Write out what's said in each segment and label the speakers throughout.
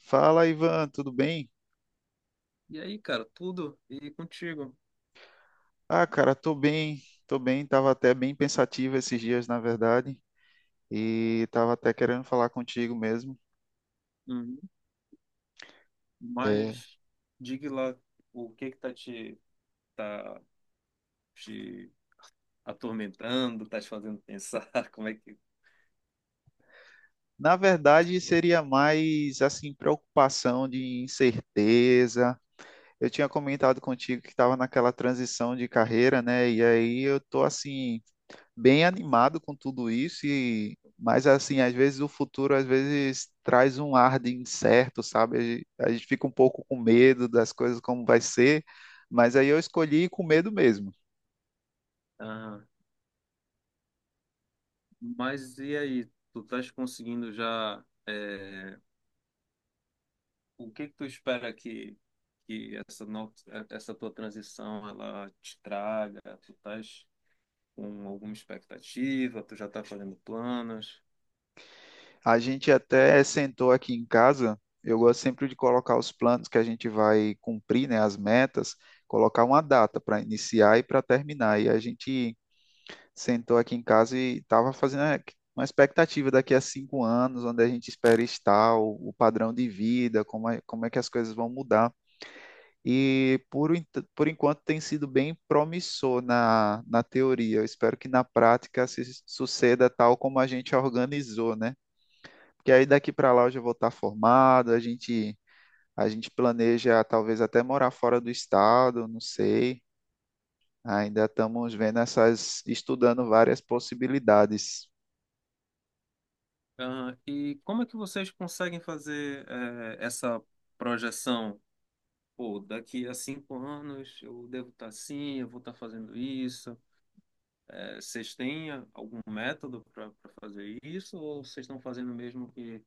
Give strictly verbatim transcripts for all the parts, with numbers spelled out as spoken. Speaker 1: Fala, Ivan, tudo bem?
Speaker 2: E aí, cara, tudo e contigo.
Speaker 1: Ah, cara, tô bem, tô bem, tava até bem pensativo esses dias, na verdade, e tava até querendo falar contigo mesmo.
Speaker 2: Uhum.
Speaker 1: É,
Speaker 2: Mas diga lá o que que tá te tá te atormentando, tá te fazendo pensar, como é que?
Speaker 1: na verdade, seria mais, assim, preocupação de incerteza. Eu tinha comentado contigo que estava naquela transição de carreira, né? E aí eu tô assim, bem animado com tudo isso e mas assim, às vezes o futuro às vezes traz um ar de incerto, sabe? A gente, a gente fica um pouco com medo das coisas como vai ser, mas aí eu escolhi ir com medo mesmo.
Speaker 2: Ah, mas e aí, tu estás conseguindo já é, o que que tu espera que que essa no, essa tua transição ela te traga? Tu Tu estás com alguma expectativa? Tu já tá fazendo planos?
Speaker 1: A gente até sentou aqui em casa, eu gosto sempre de colocar os planos que a gente vai cumprir, né, as metas, colocar uma data para iniciar e para terminar. E a gente sentou aqui em casa e estava fazendo a- uma expectativa daqui a cinco anos, onde a gente espera estar, o, o padrão de vida, como é, como é que as coisas vão mudar. E por, en- por enquanto tem sido bem promissor na, na teoria. Eu espero que na prática se suceda tal como a gente organizou, né? Porque aí daqui para lá eu já vou estar formado, a gente, a gente planeja talvez até morar fora do estado, não sei. Ainda estamos vendo essas, estudando várias possibilidades.
Speaker 2: Aham. E como é que vocês conseguem fazer eh, essa projeção? Pô, daqui a cinco anos eu devo estar assim, eu vou estar fazendo isso. Eh, vocês têm algum método para fazer isso? Ou vocês estão fazendo mesmo que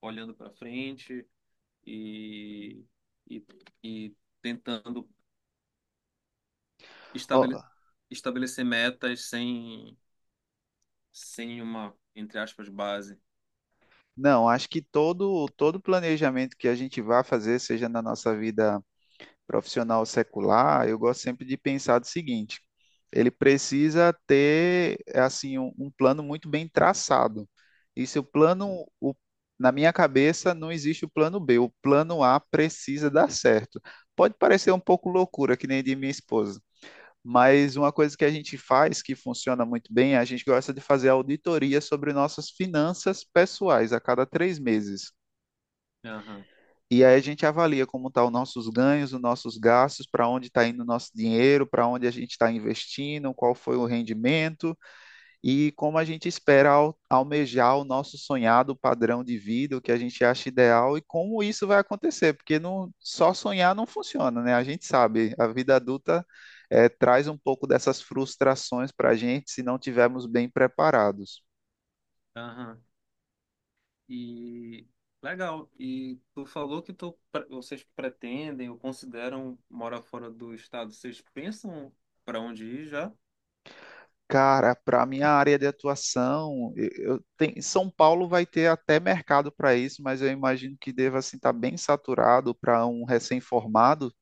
Speaker 2: olhando para frente e, e, e tentando
Speaker 1: Ó,
Speaker 2: estabele, estabelecer metas sem, sem uma, entre aspas, base?
Speaker 1: não, acho que todo todo planejamento que a gente vá fazer, seja na nossa vida profissional ou secular, eu gosto sempre de pensar do seguinte: ele precisa ter assim um, um plano muito bem traçado. E se o plano, o- Na minha cabeça, não existe o plano B. O plano A precisa dar certo. Pode parecer um pouco loucura, que nem de minha esposa, mas uma coisa que a gente faz que funciona muito bem, a gente gosta de fazer auditoria sobre nossas finanças pessoais a cada três meses.
Speaker 2: Aham,
Speaker 1: E aí a gente avalia como estão os nossos ganhos, os nossos gastos, para onde está indo o nosso dinheiro, para onde a gente está investindo, qual foi o rendimento e como a gente espera al- almejar o nosso sonhado padrão de vida, o que a gente acha ideal e como isso vai acontecer, porque não, só sonhar não funciona, né? A gente sabe, a vida adulta eh, traz um pouco dessas frustrações para a gente se não tivermos bem preparados.
Speaker 2: aham. E legal. E tu falou que tu, pre- vocês pretendem ou consideram morar fora do estado. Vocês pensam para onde ir já?
Speaker 1: Cara, para minha área de atuação, eu, eu tenho- São Paulo vai ter até mercado para isso, mas eu imagino que deva assim estar bem saturado para um recém-formado.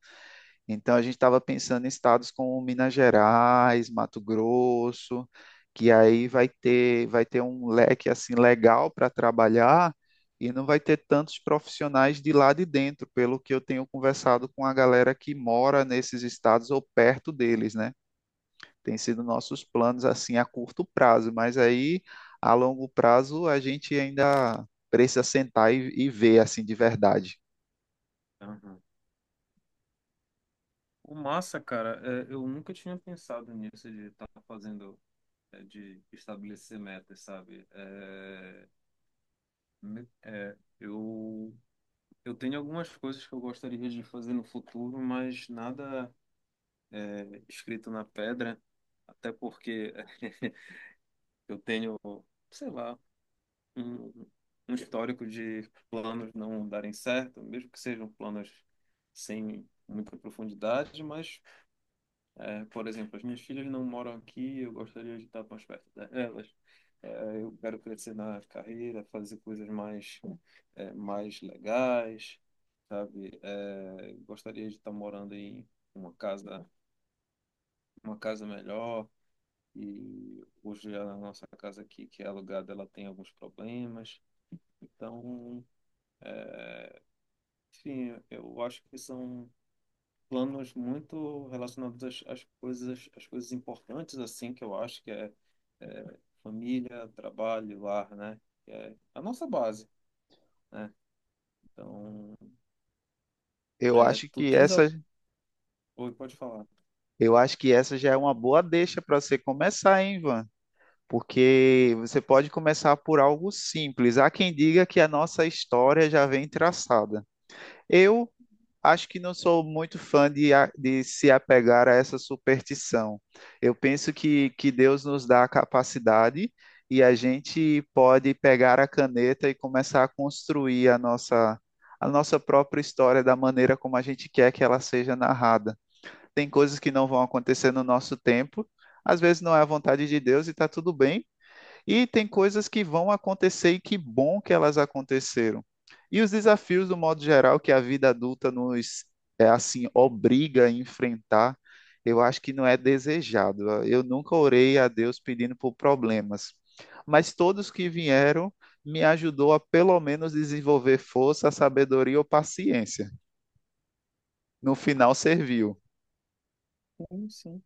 Speaker 1: Então a gente estava pensando em estados como Minas Gerais, Mato Grosso, que aí vai ter vai ter um leque assim legal para trabalhar e não vai ter tantos profissionais de lá de dentro, pelo que eu tenho conversado com a galera que mora nesses estados ou perto deles, né? Tem sido nossos planos assim a curto prazo, mas aí a longo prazo a gente ainda precisa sentar e, e ver assim de verdade.
Speaker 2: Aham. O massa, cara, é, eu nunca tinha pensado nisso de estar fazendo, é, de estabelecer metas, sabe? É, me- é, eu, eu tenho algumas coisas que eu gostaria de fazer no futuro, mas nada é, escrito na pedra, até porque eu tenho, sei lá, um, um histórico de planos não darem certo, mesmo que sejam planos sem muita profundidade, mas, é, por exemplo, as minhas filhas não moram aqui, eu gostaria de estar mais perto delas. É, eu quero crescer na carreira, fazer coisas mais, é, mais legais, sabe? É, gostaria de estar morando em uma casa, uma casa melhor. E hoje a nossa casa aqui, que é alugada, ela tem alguns problemas. Então, sim, eu acho que são planos muito relacionados às, às coisas, às coisas importantes, assim, que eu acho que é, é família, trabalho, lar, né? Que é a nossa base, né? Então,
Speaker 1: Eu
Speaker 2: é,
Speaker 1: acho
Speaker 2: tu
Speaker 1: que
Speaker 2: tens... a-
Speaker 1: essa
Speaker 2: Oi, pode falar.
Speaker 1: Eu acho que essa já é uma boa deixa para você começar, hein, Ivan? Porque você pode começar por algo simples. Há quem diga que a nossa história já vem traçada. Eu acho que não sou muito fã de, a- de se apegar a essa superstição. Eu penso que, que Deus nos dá a capacidade e a gente pode pegar a caneta e começar a construir a nossa, a nossa própria história da maneira como a gente quer que ela seja narrada. Tem coisas que não vão acontecer no nosso tempo. Às vezes não é a vontade de Deus e está tudo bem. E tem coisas que vão acontecer e que bom que elas aconteceram. E os desafios, do modo geral, que a vida adulta nos é assim obriga a enfrentar, eu acho que não é desejado. Eu nunca orei a Deus pedindo por problemas, mas todos que vieram me ajudou a pelo menos desenvolver força, sabedoria ou paciência. No final serviu.
Speaker 2: Sim, sim.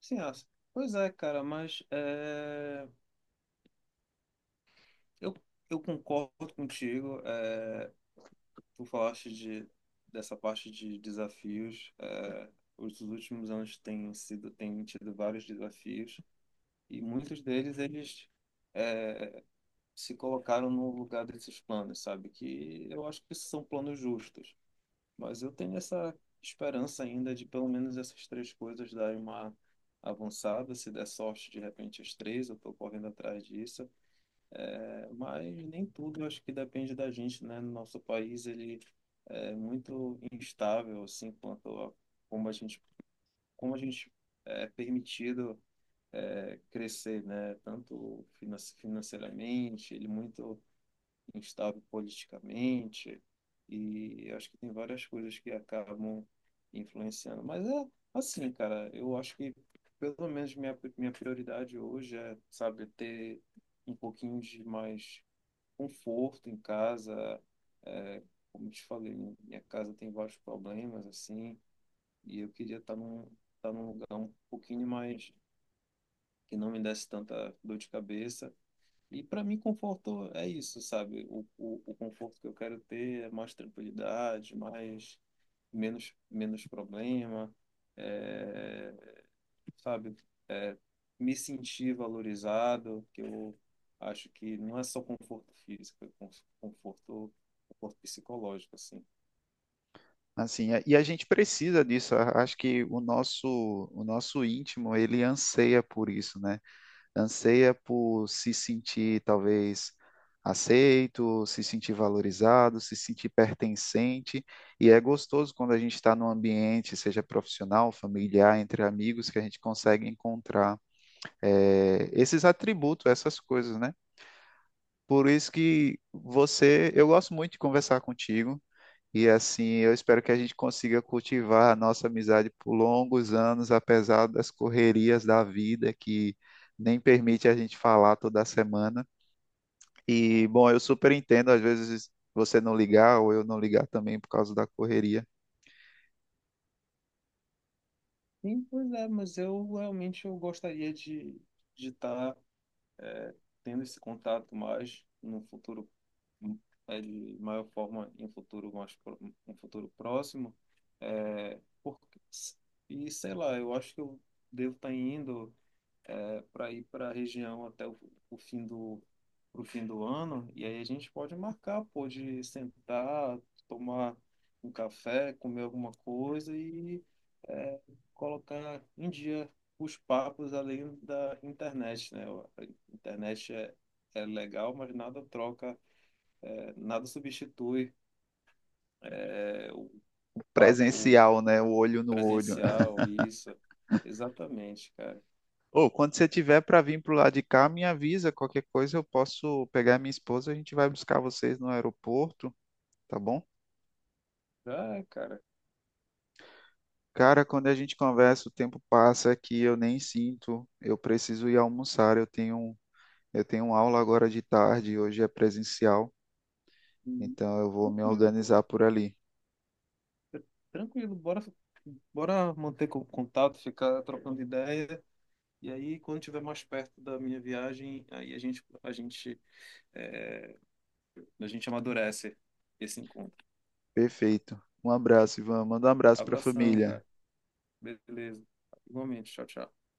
Speaker 2: Sim, acho. Pois é, cara, mas é, eu, eu concordo contigo. É, tu falaste de, dessa parte de desafios. É, os últimos anos têm sido, têm tido vários desafios. E muitos deles, eles se colocaram no lugar desses planos, sabe? Que eu acho que são planos justos. Mas eu tenho essa esperança ainda de pelo menos essas três coisas darem uma avançada. Se der sorte, de repente, as três, eu estou correndo atrás disso. É, mas nem tudo, eu acho que depende da gente, né? No nosso país, ele é muito instável, assim, quanto a como a gente, como a gente é permitido é, crescer, né? Tanto finan- financeiramente, ele muito instável politicamente, e acho que tem várias coisas que acabam influenciando. Mas é assim, cara, eu acho que pelo menos minha, minha prioridade hoje é, sabe, ter um pouquinho de mais conforto em casa, é, como te falei, minha casa tem vários problemas, assim, e eu queria estar num, estar num lugar um pouquinho mais que não me desse tanta dor de cabeça. E para mim, conforto é isso, sabe? O, o, o conforto que eu quero ter é mais tranquilidade, mais, menos, menos problema, é, sabe? É, me sentir valorizado, que eu acho que não é só conforto físico, é conforto, conforto psicológico, assim.
Speaker 1: Assim, é- e a gente precisa disso. a- Acho que o nosso, o nosso íntimo, ele anseia por isso, né? Anseia por se sentir talvez aceito, se sentir valorizado, se sentir pertencente. E é gostoso quando a gente está num ambiente, seja profissional, familiar, entre amigos, que a gente consegue encontrar eh, esses atributos, essas coisas, né? Por isso que você, eu gosto muito de conversar contigo. E assim, eu espero que a gente consiga cultivar a nossa amizade por longos anos, apesar das correrias da vida que nem permite a gente falar toda semana. E, bom, eu super entendo, às vezes você não ligar ou eu não ligar também por causa da correria.
Speaker 2: Sim, pois é, mas eu realmente eu gostaria de de estar é, tendo esse contato mais no futuro, é, de maior forma em um futuro mais pro- em um futuro próximo, é, porque, e sei lá, eu acho que eu devo estar indo para ir para a região até o, o fim do pro fim do ano e aí a gente pode marcar, pode sentar, tomar um café, comer alguma coisa e, é, colocar em dia os papos além da internet, né? A internet é, é legal, mas nada troca, é, nada substitui, é, o papo
Speaker 1: Presencial, né? O olho no olho.
Speaker 2: presencial, isso. Exatamente, cara.
Speaker 1: Ou quando você tiver para vir pro lado de cá, me avisa qualquer coisa, eu posso pegar minha esposa, a gente vai buscar vocês no aeroporto, tá bom?
Speaker 2: Ah, cara.
Speaker 1: Cara, quando a gente conversa, o tempo passa que eu nem sinto. Eu preciso ir almoçar, eu tenho eu tenho aula agora de tarde, hoje é presencial,
Speaker 2: Uhum.
Speaker 1: então eu vou me
Speaker 2: Tranquilo, pô.
Speaker 1: organizar por ali.
Speaker 2: Tranquilo, bora, bora manter co- contato, ficar trocando ideia. E aí, quando tiver mais perto da minha viagem, aí a gente, a gente, é, a gente amadurece esse encontro.
Speaker 1: Perfeito. Um abraço, Ivan. Manda um abraço para a
Speaker 2: Abração,
Speaker 1: família.
Speaker 2: cara. Beleza. Igualmente. Tchau, tchau.